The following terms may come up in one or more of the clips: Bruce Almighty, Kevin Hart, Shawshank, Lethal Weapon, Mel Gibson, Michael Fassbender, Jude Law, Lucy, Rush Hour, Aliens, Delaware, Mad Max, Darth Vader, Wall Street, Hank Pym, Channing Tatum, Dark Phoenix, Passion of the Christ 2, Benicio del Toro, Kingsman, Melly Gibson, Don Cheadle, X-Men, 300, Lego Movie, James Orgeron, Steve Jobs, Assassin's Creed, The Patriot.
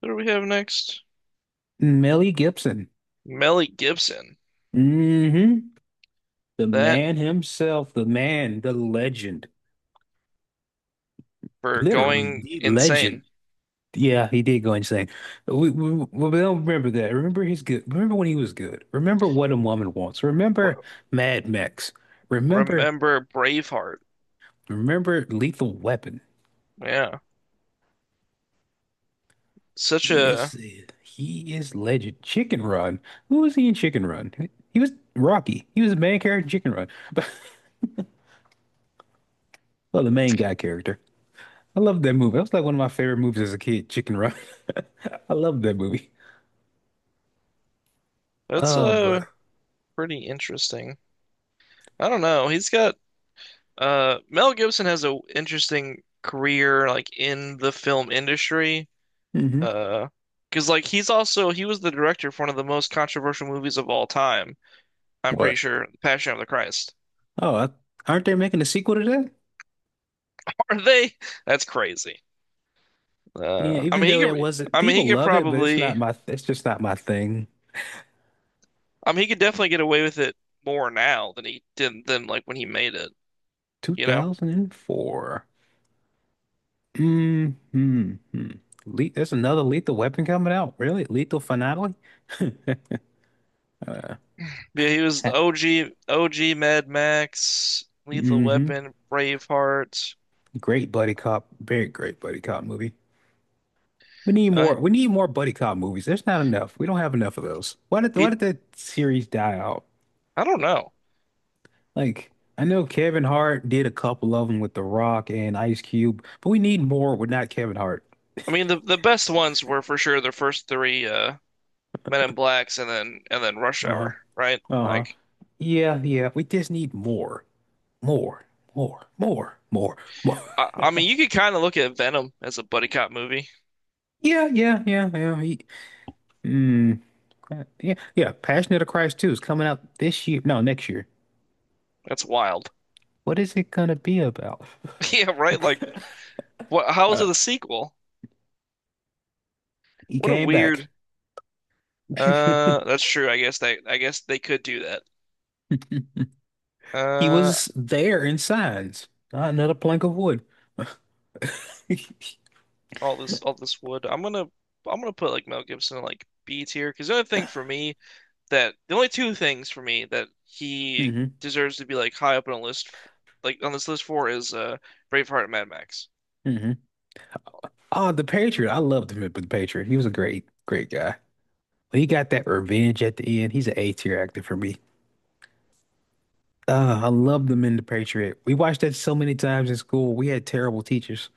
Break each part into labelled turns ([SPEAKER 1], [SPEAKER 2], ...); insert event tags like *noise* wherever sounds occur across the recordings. [SPEAKER 1] What do we have next?
[SPEAKER 2] Melly Gibson.
[SPEAKER 1] Melly Gibson.
[SPEAKER 2] hmm The
[SPEAKER 1] That
[SPEAKER 2] man himself, the man, the legend,
[SPEAKER 1] For
[SPEAKER 2] literally
[SPEAKER 1] going
[SPEAKER 2] the legend.
[SPEAKER 1] insane.
[SPEAKER 2] Yeah, he did go insane. We don't remember that. Remember his good. Remember when he was good. Remember What a Woman Wants.
[SPEAKER 1] Re
[SPEAKER 2] Remember Mad Max. Remember,
[SPEAKER 1] Remember Braveheart.
[SPEAKER 2] remember Lethal Weapon.
[SPEAKER 1] Yeah. Such
[SPEAKER 2] He is
[SPEAKER 1] a
[SPEAKER 2] he is legend. Chicken Run. Who was he in Chicken Run? He was Rocky. He was the main character in Chicken Run. *laughs* Well, the main guy character. I love that movie. That was like one of my favorite movies as a kid, Chicken Run. *laughs* I love that movie.
[SPEAKER 1] that's
[SPEAKER 2] Oh,
[SPEAKER 1] uh
[SPEAKER 2] but
[SPEAKER 1] pretty interesting. I don't know. He's got Mel Gibson has a interesting career like in the film industry.
[SPEAKER 2] hmm
[SPEAKER 1] Uh, because like he was the director for one of the most controversial movies of all time. I'm pretty
[SPEAKER 2] What?
[SPEAKER 1] sure Passion of the Christ.
[SPEAKER 2] Oh, I, aren't they making a sequel to that?
[SPEAKER 1] *laughs* Are they? That's crazy.
[SPEAKER 2] Yeah,
[SPEAKER 1] Uh I
[SPEAKER 2] even
[SPEAKER 1] mean he
[SPEAKER 2] though it
[SPEAKER 1] could
[SPEAKER 2] wasn't,
[SPEAKER 1] I mean he
[SPEAKER 2] people
[SPEAKER 1] could
[SPEAKER 2] love it, but
[SPEAKER 1] probably
[SPEAKER 2] it's just not my thing.
[SPEAKER 1] I mean, he could definitely get away with it more now than he did than like when he made it, you know?
[SPEAKER 2] 2004. Mm-hmm. Le there's another Lethal Weapon coming out. Really? Lethal Finale? *laughs* uh,
[SPEAKER 1] Yeah, he was OG OG Mad Max, Lethal
[SPEAKER 2] mm-hmm.
[SPEAKER 1] Weapon, Braveheart.
[SPEAKER 2] Great buddy cop. Very great buddy cop movie. We need
[SPEAKER 1] Uh,
[SPEAKER 2] more. We need more buddy cop movies. There's not enough. We don't have enough of those. Why did why
[SPEAKER 1] he
[SPEAKER 2] did that series die out?
[SPEAKER 1] I don't know.
[SPEAKER 2] Like I know Kevin Hart did a couple of them with The Rock and Ice Cube, but we need more with not Kevin Hart.
[SPEAKER 1] I mean, the best ones were for sure the first three Men in Blacks and then Rush
[SPEAKER 2] Uh-huh.
[SPEAKER 1] Hour, right?
[SPEAKER 2] Uh-huh.
[SPEAKER 1] Like
[SPEAKER 2] Yeah, yeah. We just need more. More. More. More. More. More. *laughs*
[SPEAKER 1] I mean, you could kind of look at Venom as a buddy cop movie.
[SPEAKER 2] Yeah, yeah, yeah, yeah. Mm, yeah, yeah. Passion of the Christ 2 is coming out this year. No, next year.
[SPEAKER 1] That's wild.
[SPEAKER 2] What is it gonna be about?
[SPEAKER 1] *laughs* Yeah, right? Like
[SPEAKER 2] *laughs*
[SPEAKER 1] what how is
[SPEAKER 2] Uh,
[SPEAKER 1] it a sequel?
[SPEAKER 2] he
[SPEAKER 1] What a
[SPEAKER 2] came back.
[SPEAKER 1] weird
[SPEAKER 2] *laughs*
[SPEAKER 1] That's true. I guess they could do that.
[SPEAKER 2] *laughs* He
[SPEAKER 1] Uh,
[SPEAKER 2] was there in signs, not another plank of wood. *laughs*
[SPEAKER 1] all this wood. I'm gonna put like Mel Gibson in like B tier because the only two things for me that he
[SPEAKER 2] hmm
[SPEAKER 1] deserves to be like high up on a list, like on this list for is Braveheart and Mad Max.
[SPEAKER 2] hmm Oh, the Patriot. I loved him in The Patriot. He was a great, great guy. He got that revenge at the end. He's an A tier actor for me. I loved him in The Patriot. We watched that so many times in school. We had terrible teachers.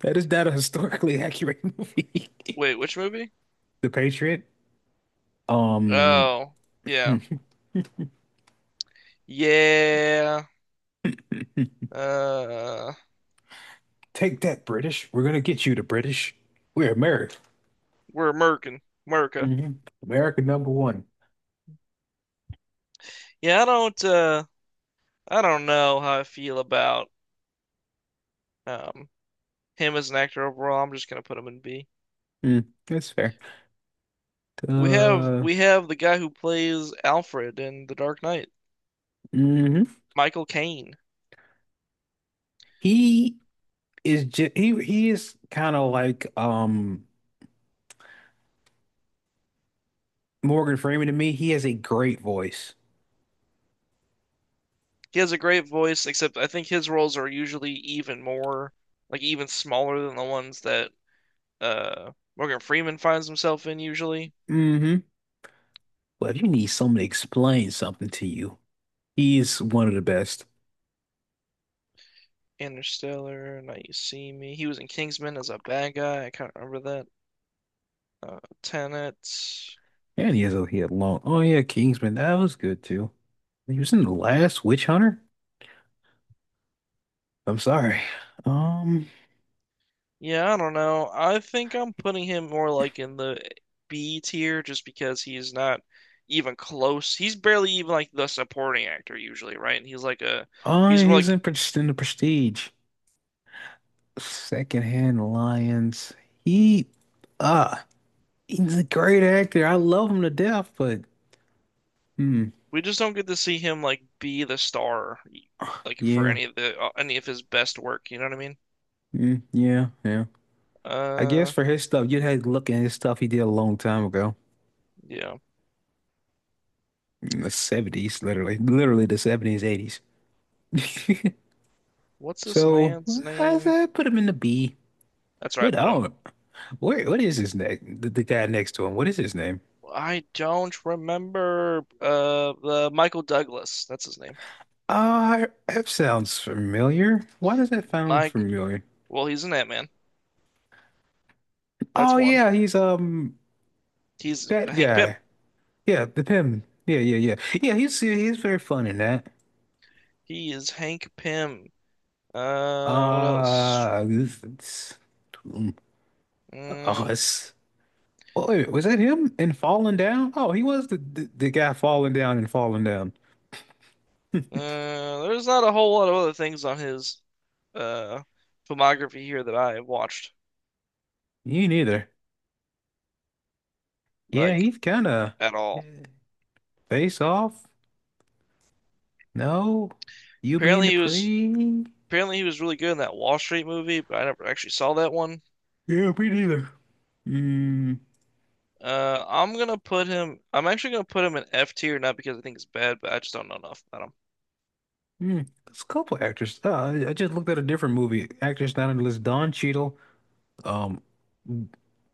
[SPEAKER 2] That is not a historically *laughs* accurate movie.
[SPEAKER 1] Wait, which movie?
[SPEAKER 2] The Patriot. Um,
[SPEAKER 1] Oh,
[SPEAKER 2] *laughs* hmm.
[SPEAKER 1] yeah, yeah. Uh,
[SPEAKER 2] Take that, British. We're gonna get you, the British. We're America.
[SPEAKER 1] we're American, America.
[SPEAKER 2] hmm America number one.
[SPEAKER 1] Yeah, I don't know how I feel about um him as an actor overall. I'm just gonna put him in B.
[SPEAKER 2] Mm, that's fair.
[SPEAKER 1] We have
[SPEAKER 2] Uh,
[SPEAKER 1] we have the guy who plays Alfred in The Dark Knight,
[SPEAKER 2] hmm
[SPEAKER 1] Michael Caine.
[SPEAKER 2] He is just he is kind of like Morgan Freeman to me. He has a great voice.
[SPEAKER 1] He has a great voice, except I think his roles are usually even more like even smaller than the ones that Morgan Freeman finds himself in usually.
[SPEAKER 2] hmm But if you need someone to explain something to you, he's one of the best.
[SPEAKER 1] Interstellar, Now You See Me. He was in Kingsman as a bad guy. I can't remember that. Tenet.
[SPEAKER 2] And he has a he had long. Oh yeah, Kingsman. That was good too. He was in the last Witch Hunter. I'm sorry. Um,
[SPEAKER 1] Yeah, I don't know. I think I'm putting him more like in the B tier just because he's not even close. He's barely even like the supporting actor usually, right? And
[SPEAKER 2] oh,
[SPEAKER 1] he's more
[SPEAKER 2] he was
[SPEAKER 1] like
[SPEAKER 2] in the Prestige. Secondhand Lions. He, uh, he's a great actor. I love him to death, but hmm,
[SPEAKER 1] we just don't get to see him like be the star like for
[SPEAKER 2] yeah.
[SPEAKER 1] any of the any of his best work, you know what I mean?
[SPEAKER 2] Mm, yeah, yeah. I guess
[SPEAKER 1] Uh
[SPEAKER 2] for his stuff, you'd have to look at his stuff he did a long time ago.
[SPEAKER 1] yeah.
[SPEAKER 2] In the 70s, literally. Literally the 70s, 80s. *laughs*
[SPEAKER 1] What's this
[SPEAKER 2] So
[SPEAKER 1] man's
[SPEAKER 2] I
[SPEAKER 1] name?
[SPEAKER 2] said put him in the B.
[SPEAKER 1] That's where I
[SPEAKER 2] What
[SPEAKER 1] put him.
[SPEAKER 2] oh where what is his name? The guy next to him. What is his name?
[SPEAKER 1] I don't remember the Michael Douglas. That's his name.
[SPEAKER 2] That sounds familiar. Why does that sound
[SPEAKER 1] Mike,
[SPEAKER 2] familiar?
[SPEAKER 1] well, he's an Ant-Man.
[SPEAKER 2] Oh
[SPEAKER 1] That's one.
[SPEAKER 2] yeah, he's
[SPEAKER 1] He's
[SPEAKER 2] that
[SPEAKER 1] Hank Pym.
[SPEAKER 2] guy. Yeah, the him. Yeah, yeah, yeah. Yeah, he's very fun in that.
[SPEAKER 1] He is Hank Pym. What else?
[SPEAKER 2] Uh Oh,
[SPEAKER 1] Mm,
[SPEAKER 2] oh, wait, was that him in Falling Down? Oh, he was the guy falling down and falling down.
[SPEAKER 1] there's not a whole lot of other things on his uh filmography here that I watched
[SPEAKER 2] You neither. Yeah,
[SPEAKER 1] like
[SPEAKER 2] he's kind of
[SPEAKER 1] at all.
[SPEAKER 2] face off. No, you being
[SPEAKER 1] Apparently he was
[SPEAKER 2] Dupree.
[SPEAKER 1] apparently he was really good in that Wall Street movie, but I never actually saw that one.
[SPEAKER 2] Yeah, me neither. Mm,
[SPEAKER 1] I'm actually gonna put him in F tier, not because I think it's bad, but I just don't know enough about him.
[SPEAKER 2] mm. There's a couple actors. I just looked at a different movie. Actors down on the list: Don Cheadle, um,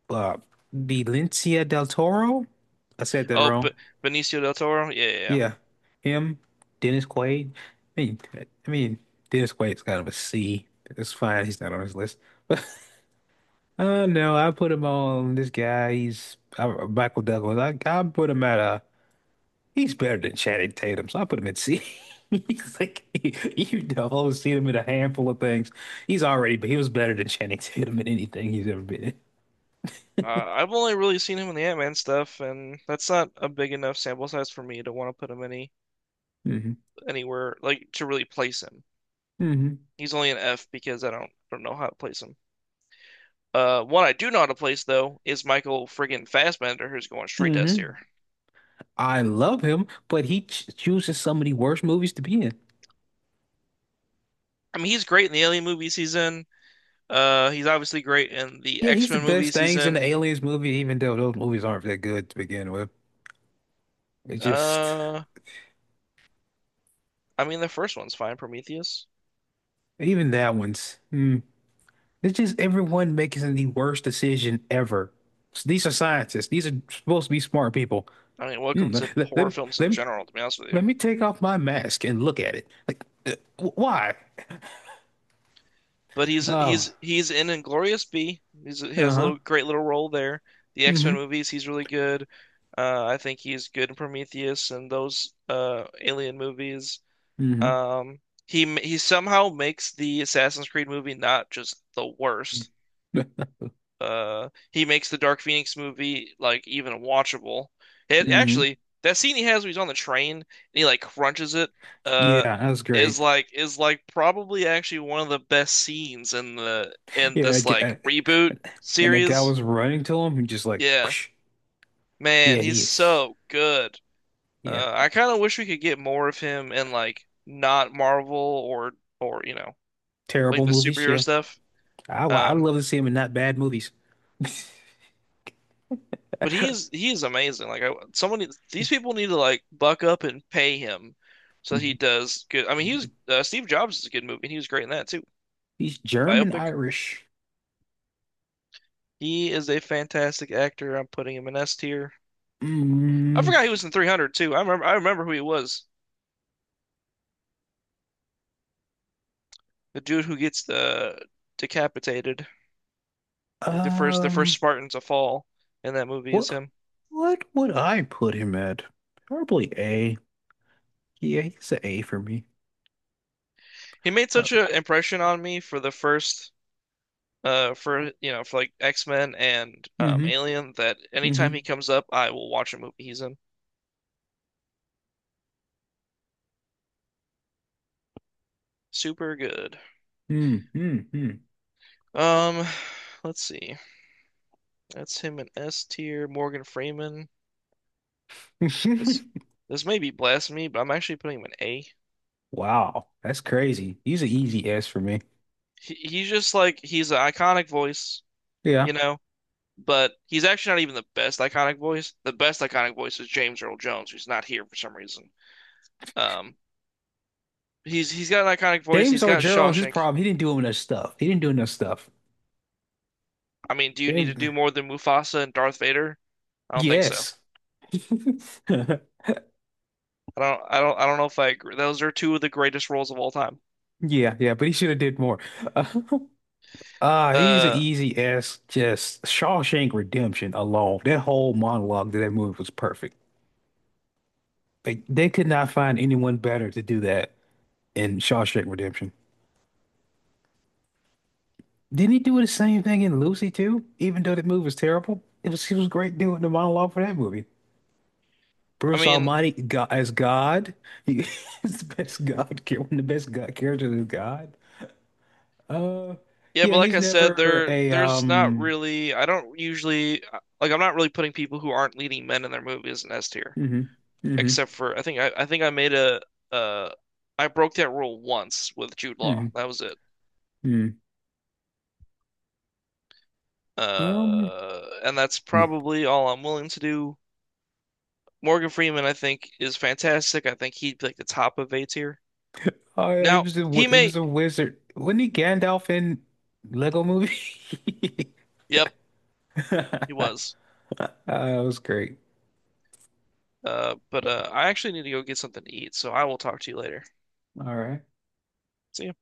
[SPEAKER 2] uh, Benicio del Toro. I said that
[SPEAKER 1] Oh,
[SPEAKER 2] wrong.
[SPEAKER 1] but Benicio del Toro. Yeah, yeah, yeah.
[SPEAKER 2] Yeah, him, Dennis Quaid. I mean, I mean, Dennis Quaid's kind of a C. It's fine. He's not on this list. *laughs* But no, I put him on this guy. He's Michael Douglas. I put him at a. He's better than Channing Tatum, so I put him at C. *laughs* He's like you know, I've only seen him in a handful of things. He's already, but he was better than Channing Tatum in anything he's ever been
[SPEAKER 1] Uh, I've only really seen him in the Ant-Man stuff, and that's not a big enough sample size for me to want to put him
[SPEAKER 2] in.
[SPEAKER 1] anywhere like to really place him.
[SPEAKER 2] hmm hmm
[SPEAKER 1] He's only an F because I don't know how to place him. One I do know how to place though is Michael friggin' Fassbender, who's going straight to S
[SPEAKER 2] hmm
[SPEAKER 1] tier.
[SPEAKER 2] I love him, but he ch chooses some of the worst movies to be in.
[SPEAKER 1] I mean, he's great in the Alien movies he's in. He's obviously great in the
[SPEAKER 2] Yeah, he's the
[SPEAKER 1] X-Men
[SPEAKER 2] best
[SPEAKER 1] movies he's
[SPEAKER 2] things in the
[SPEAKER 1] in.
[SPEAKER 2] Aliens movie, even though those movies aren't that good to begin with. It just,
[SPEAKER 1] Uh, I mean, the first one's fine, Prometheus.
[SPEAKER 2] even that one's, hmm. It's just everyone making the worst decision ever. So these are scientists. These are supposed to be smart people.
[SPEAKER 1] I mean, welcome
[SPEAKER 2] Hmm,
[SPEAKER 1] to
[SPEAKER 2] let,
[SPEAKER 1] poor
[SPEAKER 2] let,
[SPEAKER 1] films in
[SPEAKER 2] let,
[SPEAKER 1] general, to be honest with you.
[SPEAKER 2] let me take off my mask and look at it. Like, wh- why?
[SPEAKER 1] But he's
[SPEAKER 2] Oh,
[SPEAKER 1] he's he's in Inglorious B. He has a
[SPEAKER 2] uh-huh.
[SPEAKER 1] little great little role there. The
[SPEAKER 2] Mm-hmm.
[SPEAKER 1] X-Men movies, he's really good. I think he's good in Prometheus and those Alien movies.
[SPEAKER 2] Mm-hmm.
[SPEAKER 1] Um, he somehow makes the Assassin's Creed movie not just the worst,
[SPEAKER 2] *laughs*
[SPEAKER 1] he makes the Dark Phoenix movie like even watchable. It
[SPEAKER 2] Mm-hmm.
[SPEAKER 1] actually that scene he has when he's on the train and he like crunches it
[SPEAKER 2] Yeah,
[SPEAKER 1] uh
[SPEAKER 2] that was great.
[SPEAKER 1] is like probably actually one of the best scenes in the in
[SPEAKER 2] Yeah, I
[SPEAKER 1] this like
[SPEAKER 2] get-
[SPEAKER 1] reboot
[SPEAKER 2] and that guy
[SPEAKER 1] series.
[SPEAKER 2] was running to him and just like,
[SPEAKER 1] Yeah,
[SPEAKER 2] whoosh. Yeah,
[SPEAKER 1] man, he's
[SPEAKER 2] he is.
[SPEAKER 1] so good.
[SPEAKER 2] Yeah.
[SPEAKER 1] I kind of wish we could get more of him in like not Marvel or you know like
[SPEAKER 2] Terrible
[SPEAKER 1] the
[SPEAKER 2] movies,
[SPEAKER 1] superhero
[SPEAKER 2] yeah.
[SPEAKER 1] stuff.
[SPEAKER 2] I
[SPEAKER 1] Um,
[SPEAKER 2] love to see him in not bad movies.
[SPEAKER 1] But he is amazing. Someone these
[SPEAKER 2] *laughs*
[SPEAKER 1] people need to like buck up and pay him so he does good. I mean, he
[SPEAKER 2] Mhm.
[SPEAKER 1] was Steve Jobs is a good movie, and he was great in that too.
[SPEAKER 2] He's
[SPEAKER 1] The
[SPEAKER 2] German
[SPEAKER 1] biopic.
[SPEAKER 2] Irish.
[SPEAKER 1] He is a fantastic actor. I'm putting him in S tier. I
[SPEAKER 2] Mm,
[SPEAKER 1] forgot he was in 300 too. I remember who he was. The dude who gets the decapitated, like the first
[SPEAKER 2] um,
[SPEAKER 1] Spartan to fall in that movie is
[SPEAKER 2] what
[SPEAKER 1] him.
[SPEAKER 2] what would I put him at? Probably A. Yeah, he's an A for me.
[SPEAKER 1] He made
[SPEAKER 2] Uh,
[SPEAKER 1] such an impression on me for the first for you know for like X-Men and
[SPEAKER 2] mm-hmm,
[SPEAKER 1] Alien that
[SPEAKER 2] mm-hmm,
[SPEAKER 1] anytime he comes up I will watch a movie he's in. Super good.
[SPEAKER 2] mm-hmm,
[SPEAKER 1] Um *sighs* let's see. That's him in S tier, Morgan Freeman. This
[SPEAKER 2] mm-hmm.
[SPEAKER 1] this may be blasphemy, but I'm actually putting him in A.
[SPEAKER 2] *laughs* Wow, that's crazy. He's an easy S for me.
[SPEAKER 1] He's just like he's an iconic voice,
[SPEAKER 2] Yeah.
[SPEAKER 1] you know, but he's actually not even the best iconic voice. The best iconic voice is James Earl Jones, who's not here for some reason. Um he's got an iconic voice.
[SPEAKER 2] James
[SPEAKER 1] He's got
[SPEAKER 2] Orgeron, his
[SPEAKER 1] Shawshank.
[SPEAKER 2] problem, he didn't do enough stuff. He didn't do enough stuff.
[SPEAKER 1] I mean, do you need
[SPEAKER 2] James,
[SPEAKER 1] to do more than Mufasa and Darth Vader? I don't think so.
[SPEAKER 2] yes. *laughs*
[SPEAKER 1] I don't I don't know if I agree. Those are two of the greatest roles of all time.
[SPEAKER 2] Yeah, yeah, but he should have did more. Uh, *laughs* he's an
[SPEAKER 1] Uh,
[SPEAKER 2] easy S. Just Shawshank Redemption alone. That whole monologue to that movie was perfect. Like they could not find anyone better to do that in Shawshank Redemption. Didn't he do the same thing in Lucy too? Even though that movie was terrible, it was he was great doing the monologue for that movie.
[SPEAKER 1] I
[SPEAKER 2] Bruce
[SPEAKER 1] mean,
[SPEAKER 2] Almighty God, as God, he *laughs* is the best God, *laughs* char- one of the best God characters is God. Uh,
[SPEAKER 1] yeah,
[SPEAKER 2] yeah,
[SPEAKER 1] but like
[SPEAKER 2] he's
[SPEAKER 1] I said,
[SPEAKER 2] never a
[SPEAKER 1] there's not really I don't usually like I'm not really putting people who aren't leading men in their movies in S tier,
[SPEAKER 2] hmm hmm
[SPEAKER 1] except for I think I made a uh I broke that rule once with Jude Law.
[SPEAKER 2] hmm
[SPEAKER 1] That was it.
[SPEAKER 2] Hmm. Um,
[SPEAKER 1] And that's
[SPEAKER 2] Mm.
[SPEAKER 1] probably all I'm willing to do. Morgan Freeman, I think, is fantastic. I think he'd be like the top of A tier.
[SPEAKER 2] Oh yeah, he
[SPEAKER 1] Now,
[SPEAKER 2] was a wi-
[SPEAKER 1] he
[SPEAKER 2] he
[SPEAKER 1] may,
[SPEAKER 2] was a wizard. Wasn't he Gandalf in Lego Movie?
[SPEAKER 1] yep, he
[SPEAKER 2] *laughs*
[SPEAKER 1] was.
[SPEAKER 2] That was great.
[SPEAKER 1] But I actually need to go get something to eat, so I will talk to you later.
[SPEAKER 2] All right.
[SPEAKER 1] See ya.